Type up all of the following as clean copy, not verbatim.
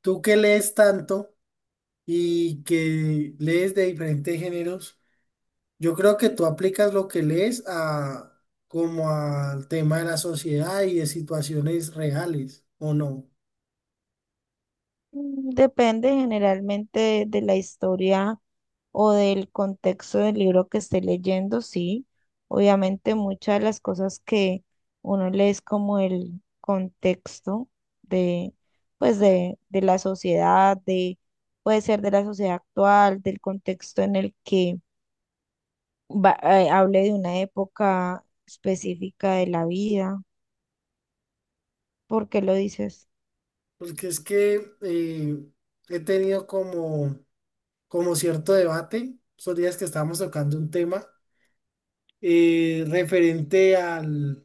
Tú que lees tanto y que lees de diferentes géneros, yo creo que tú aplicas lo que lees a como al tema de la sociedad y de situaciones reales, ¿o no? Depende generalmente de la historia o del contexto del libro que esté leyendo, sí. Obviamente muchas de las cosas que uno lee es como el contexto de, de la sociedad, de, puede ser de la sociedad actual, del contexto en el que hable de una época específica de la vida. ¿Por qué lo dices? Porque es que he tenido como, como cierto debate, esos días que estábamos tocando un tema eh, referente al,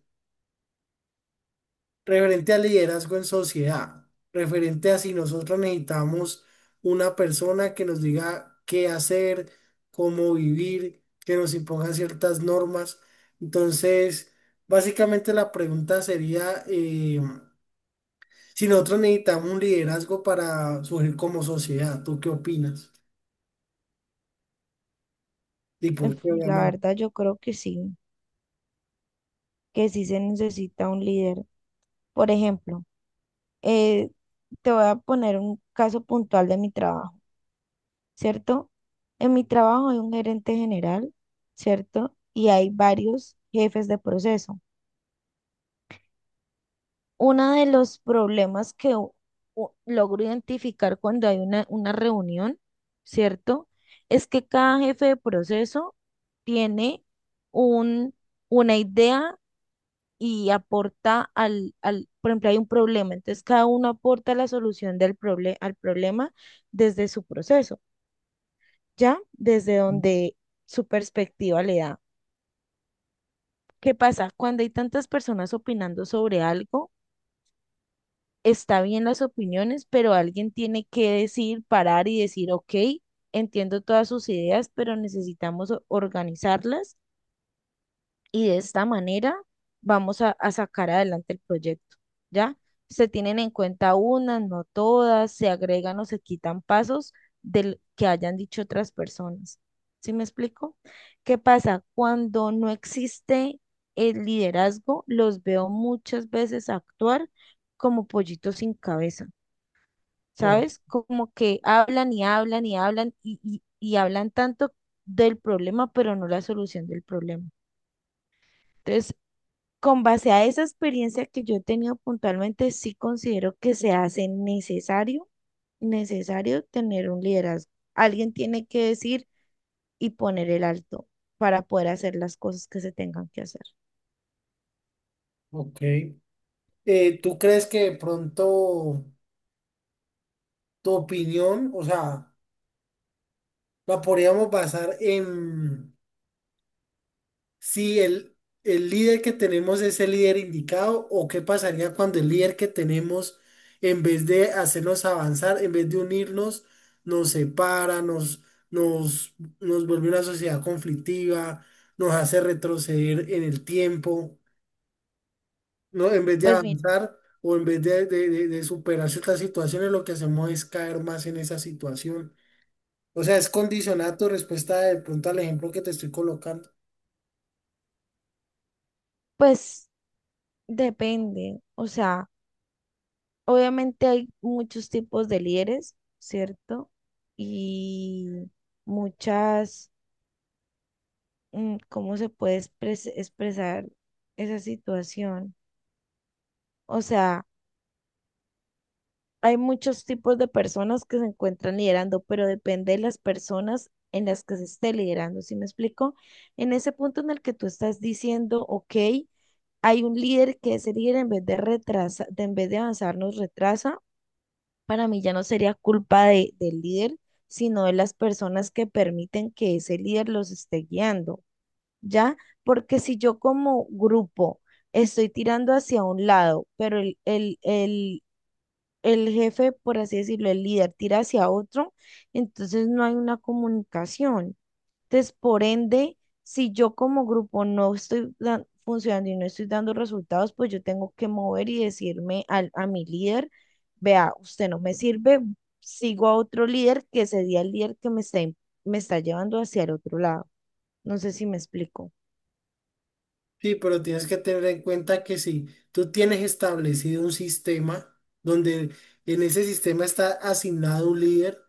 referente al liderazgo en sociedad, referente a si nosotros necesitamos una persona que nos diga qué hacer, cómo vivir, que nos imponga ciertas normas. Entonces, básicamente la pregunta sería si nosotros necesitamos un liderazgo para surgir como sociedad, ¿tú qué opinas? Y por Uf, qué, la obviamente. verdad yo creo que sí se necesita un líder. Por ejemplo, eh, te voy a poner un caso puntual de mi trabajo, ¿cierto? En mi trabajo hay un gerente general, ¿cierto? Y hay varios jefes de proceso. Uno de los problemas que logro identificar cuando hay una reunión, ¿cierto? Es que cada jefe de proceso tiene un, una idea y aporta por ejemplo, hay un problema, entonces cada uno aporta la solución al problema desde su proceso, ¿ya? Desde donde su perspectiva le da. ¿Qué pasa cuando hay tantas personas opinando sobre algo? Está bien las opiniones, pero alguien tiene que decir, parar y decir, ok, entiendo todas sus ideas, pero necesitamos organizarlas y de esta manera vamos a sacar adelante el proyecto, ¿ya? Se tienen en cuenta unas, no todas, se agregan o se quitan pasos del que hayan dicho otras personas. ¿Sí me explico? ¿Qué pasa cuando no existe el liderazgo? Los veo muchas veces actuar como pollitos sin cabeza, Por- ¿sabes? Como que hablan y hablan y hablan y hablan tanto del problema, pero no la solución del problema. Entonces, con base a esa experiencia que yo he tenido puntualmente, sí considero que se hace necesario, necesario tener un liderazgo. Alguien tiene que decir y poner el alto para poder hacer las cosas que se tengan que hacer. ok. ¿Tú crees que de pronto tu opinión, o sea, la podríamos basar en si el líder que tenemos es el líder indicado o qué pasaría cuando el líder que tenemos, en vez de hacernos avanzar, en vez de unirnos, nos separa, nos, nos vuelve una sociedad conflictiva, nos hace retroceder en el tiempo, ¿no? En vez de Pues mira, avanzar o en vez de, de superar ciertas situaciones, lo que hacemos es caer más en esa situación. O sea, es condicionar tu respuesta de pronto al ejemplo que te estoy colocando. pues depende. O sea, obviamente hay muchos tipos de líderes, ¿cierto? Y muchas, ¿cómo se puede expresar esa situación? O sea, hay muchos tipos de personas que se encuentran liderando, pero depende de las personas en las que se esté liderando. ¿Sí me explico? En ese punto en el que tú estás diciendo, ok, hay un líder que ese líder en vez de retrasa, de, en vez de avanzar nos retrasa, para mí ya no sería culpa del líder, sino de las personas que permiten que ese líder los esté guiando, ¿ya? Porque si yo como grupo estoy tirando hacia un lado, pero el jefe, por así decirlo, el líder tira hacia otro, entonces no hay una comunicación. Entonces, por ende, si yo como grupo no estoy funcionando y no estoy dando resultados, pues yo tengo que mover y decirme a mi líder, vea, usted no me sirve, sigo a otro líder que sería el líder que me está, me está llevando hacia el otro lado. No sé si me explico. Sí, pero tienes que tener en cuenta que si tú tienes establecido un sistema donde en ese sistema está asignado un líder,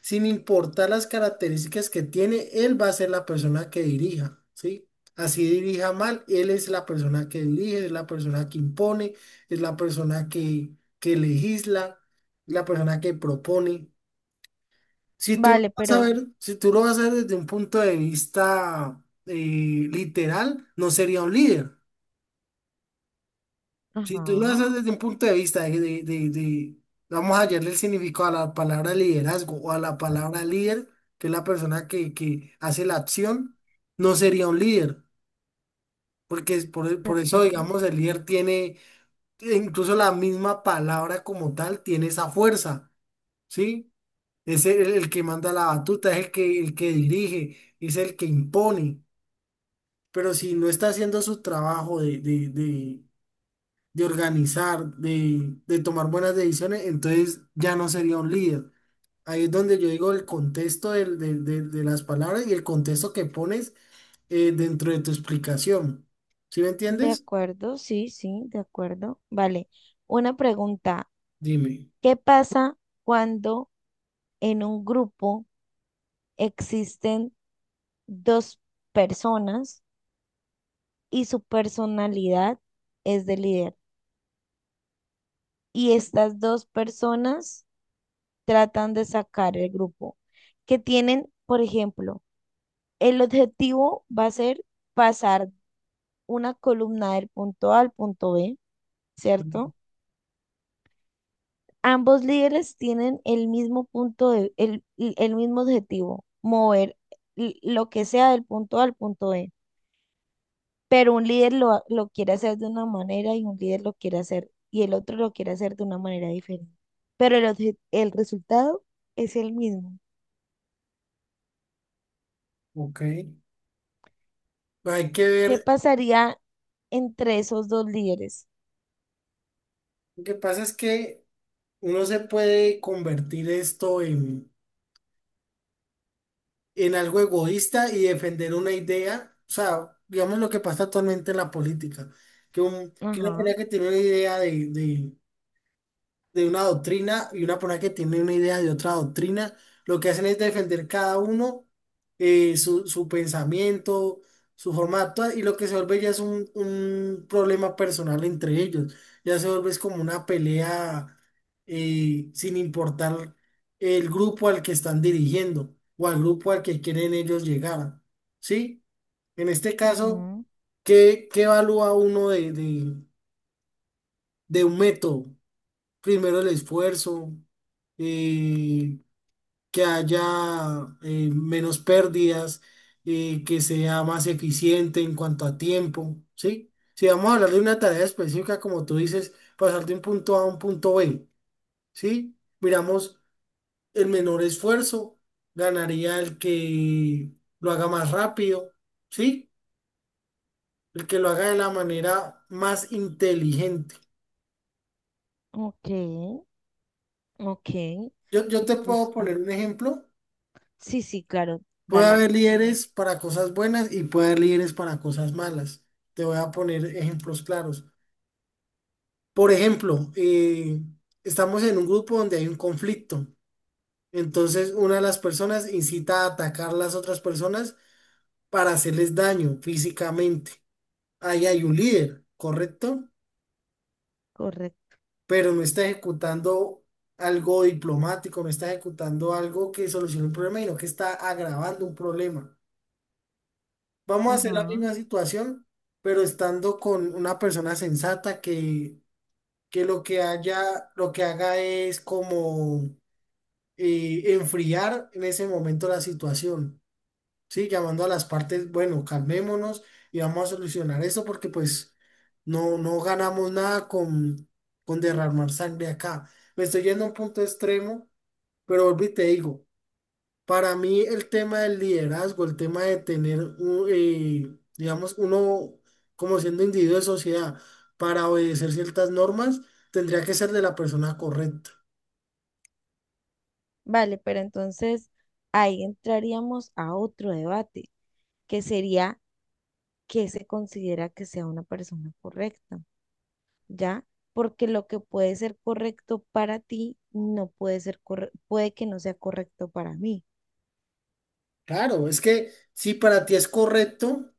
sin importar las características que tiene, él va a ser la persona que dirija, ¿sí? Así dirija mal, él es la persona que dirige, es la persona que impone, es la persona que legisla, la persona que propone. Si tú lo Vale, vas a pero, ver, si tú lo vas a ver desde un punto de vista literal, no sería un líder. Si tú lo ajá, haces desde un punto de vista de, vamos a hallarle el significado a la palabra liderazgo o a la palabra líder, que es la persona que hace la acción, no sería un líder, porque es de por eso, acuerdo. digamos, el líder tiene, incluso la misma palabra como tal, tiene esa fuerza, ¿sí? Es el que manda la batuta, es el que dirige, es el que impone, pero si no está haciendo su trabajo de organizar, de tomar buenas decisiones, entonces ya no sería un líder. Ahí es donde yo digo el contexto de, las palabras y el contexto que pones dentro de tu explicación. ¿Sí me De entiendes? acuerdo, sí, sí, de acuerdo. Vale. Una pregunta. Dime. ¿Qué pasa cuando en un grupo existen dos personas y su personalidad es de líder? Y estas dos personas tratan de sacar el grupo, que tienen, por ejemplo, el objetivo va a ser pasar una columna del punto A al punto B, Mm. ¿cierto? Ambos líderes tienen el mismo el mismo objetivo, mover lo que sea del punto A al punto B, pero un líder lo quiere hacer de una manera y un líder lo quiere hacer y el otro lo quiere hacer de una manera diferente. Pero el resultado es el mismo. Ok. Hay que ¿Qué ver, pasaría entre esos dos líderes? lo que pasa es que uno se puede convertir esto en algo egoísta y defender una idea, o sea, digamos lo que pasa actualmente en la política, que, que una Ajá, pelea que tiene una idea de una doctrina y una persona que tiene una idea de otra doctrina, lo que hacen es defender cada uno su, su pensamiento, su forma de actuar y lo que se vuelve ya es un problema personal entre ellos, ya se vuelve es como una pelea sin importar el grupo al que están dirigiendo o al grupo al que quieren ellos llegar, ¿sí? En este caso, ujú. ¿qué, qué evalúa uno de un método? Primero el esfuerzo, eh, que haya menos pérdidas, que sea más eficiente en cuanto a tiempo, ¿sí? Si vamos a hablar de una tarea específica, como tú dices, pasar de un punto A a un punto B, ¿sí? Miramos el menor esfuerzo, ganaría el que lo haga más rápido, ¿sí? El que lo haga de la manera más inteligente. Ok, ok, Yo me te puedo gusta. poner un ejemplo. Sí, sí, claro, Puede dale, haber dime. líderes para cosas buenas y puede haber líderes para cosas malas. Te voy a poner ejemplos claros. Por ejemplo, estamos en un grupo donde hay un conflicto. Entonces, una de las personas incita a atacar a las otras personas para hacerles daño físicamente. Ahí hay un líder, ¿correcto? Correcto. Pero no está ejecutando algo diplomático, no está ejecutando algo que solucione un problema, sino que está agravando un problema. Vamos a hacer la Ajá. misma situación, pero estando con una persona sensata que lo que haya, lo que haga es como enfriar en ese momento la situación, ¿sí? Llamando a las partes, bueno, calmémonos y vamos a solucionar esto porque pues no, no ganamos nada con, con derramar sangre acá. Me estoy yendo a un punto extremo, pero volví y te digo. Para mí el tema del liderazgo, el tema de tener, un, digamos, uno como siendo individuo de sociedad para obedecer ciertas normas, tendría que ser de la persona correcta. Vale, pero entonces ahí entraríamos a otro debate, que sería qué se considera que sea una persona correcta. ¿Ya? Porque lo que puede ser correcto para ti no puede ser puede que no sea correcto para mí. Claro, es que si para ti es correcto,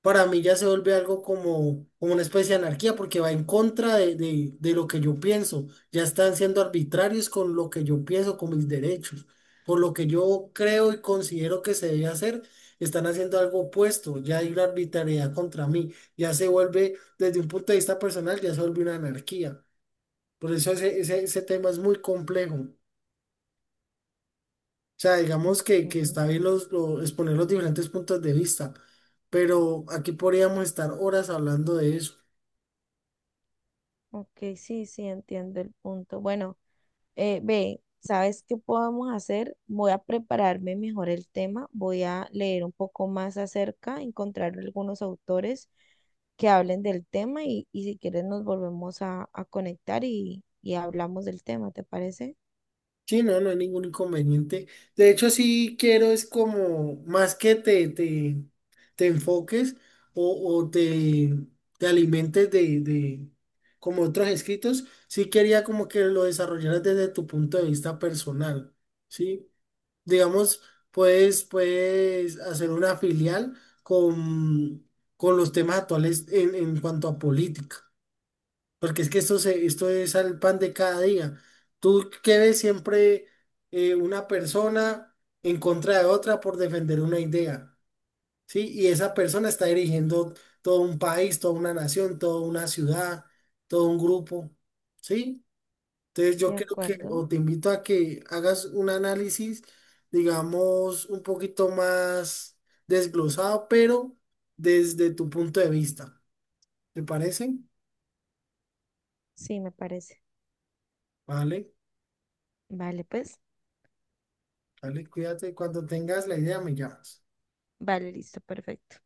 para mí ya se vuelve algo como, como una especie de anarquía porque va en contra de lo que yo pienso. Ya están siendo arbitrarios con lo que yo pienso, con mis derechos. Por lo que yo creo y considero que se debe hacer, están haciendo algo opuesto. Ya hay una arbitrariedad contra mí. Ya se vuelve, desde un punto de vista personal, ya se vuelve una anarquía. Por eso ese, ese, ese tema es muy complejo. O sea, digamos Ok, que está bien los, exponer los diferentes puntos de vista, pero aquí podríamos estar horas hablando de eso. ok, sí, sí, entiendo el punto. Bueno, ve, ¿sabes qué podemos hacer? Voy a prepararme mejor el tema, voy a leer un poco más acerca, encontrar algunos autores que hablen del tema y si quieres nos volvemos a conectar y hablamos del tema, ¿te parece? Sí, no, no hay ningún inconveniente. De hecho, sí quiero es como más que te enfoques o te alimentes de como otros escritos, sí quería como que lo desarrollaras desde tu punto de vista personal, ¿sí? Digamos, puedes, puedes hacer una filial con, con los temas actuales en cuanto a política. Porque es que esto, se, esto es al pan de cada día. Tú que ves siempre una persona en contra de otra por defender una idea, ¿sí? Y esa persona está dirigiendo todo un país, toda una nación, toda una ciudad, todo un grupo, ¿sí? Entonces yo De creo que, acuerdo, o te invito a que hagas un análisis, digamos, un poquito más desglosado, pero desde tu punto de vista. ¿Te parece? sí, me parece. Vale. Vale, pues. Dale, cuídate. Cuando tengas la idea, me llamas. Vale, listo, perfecto.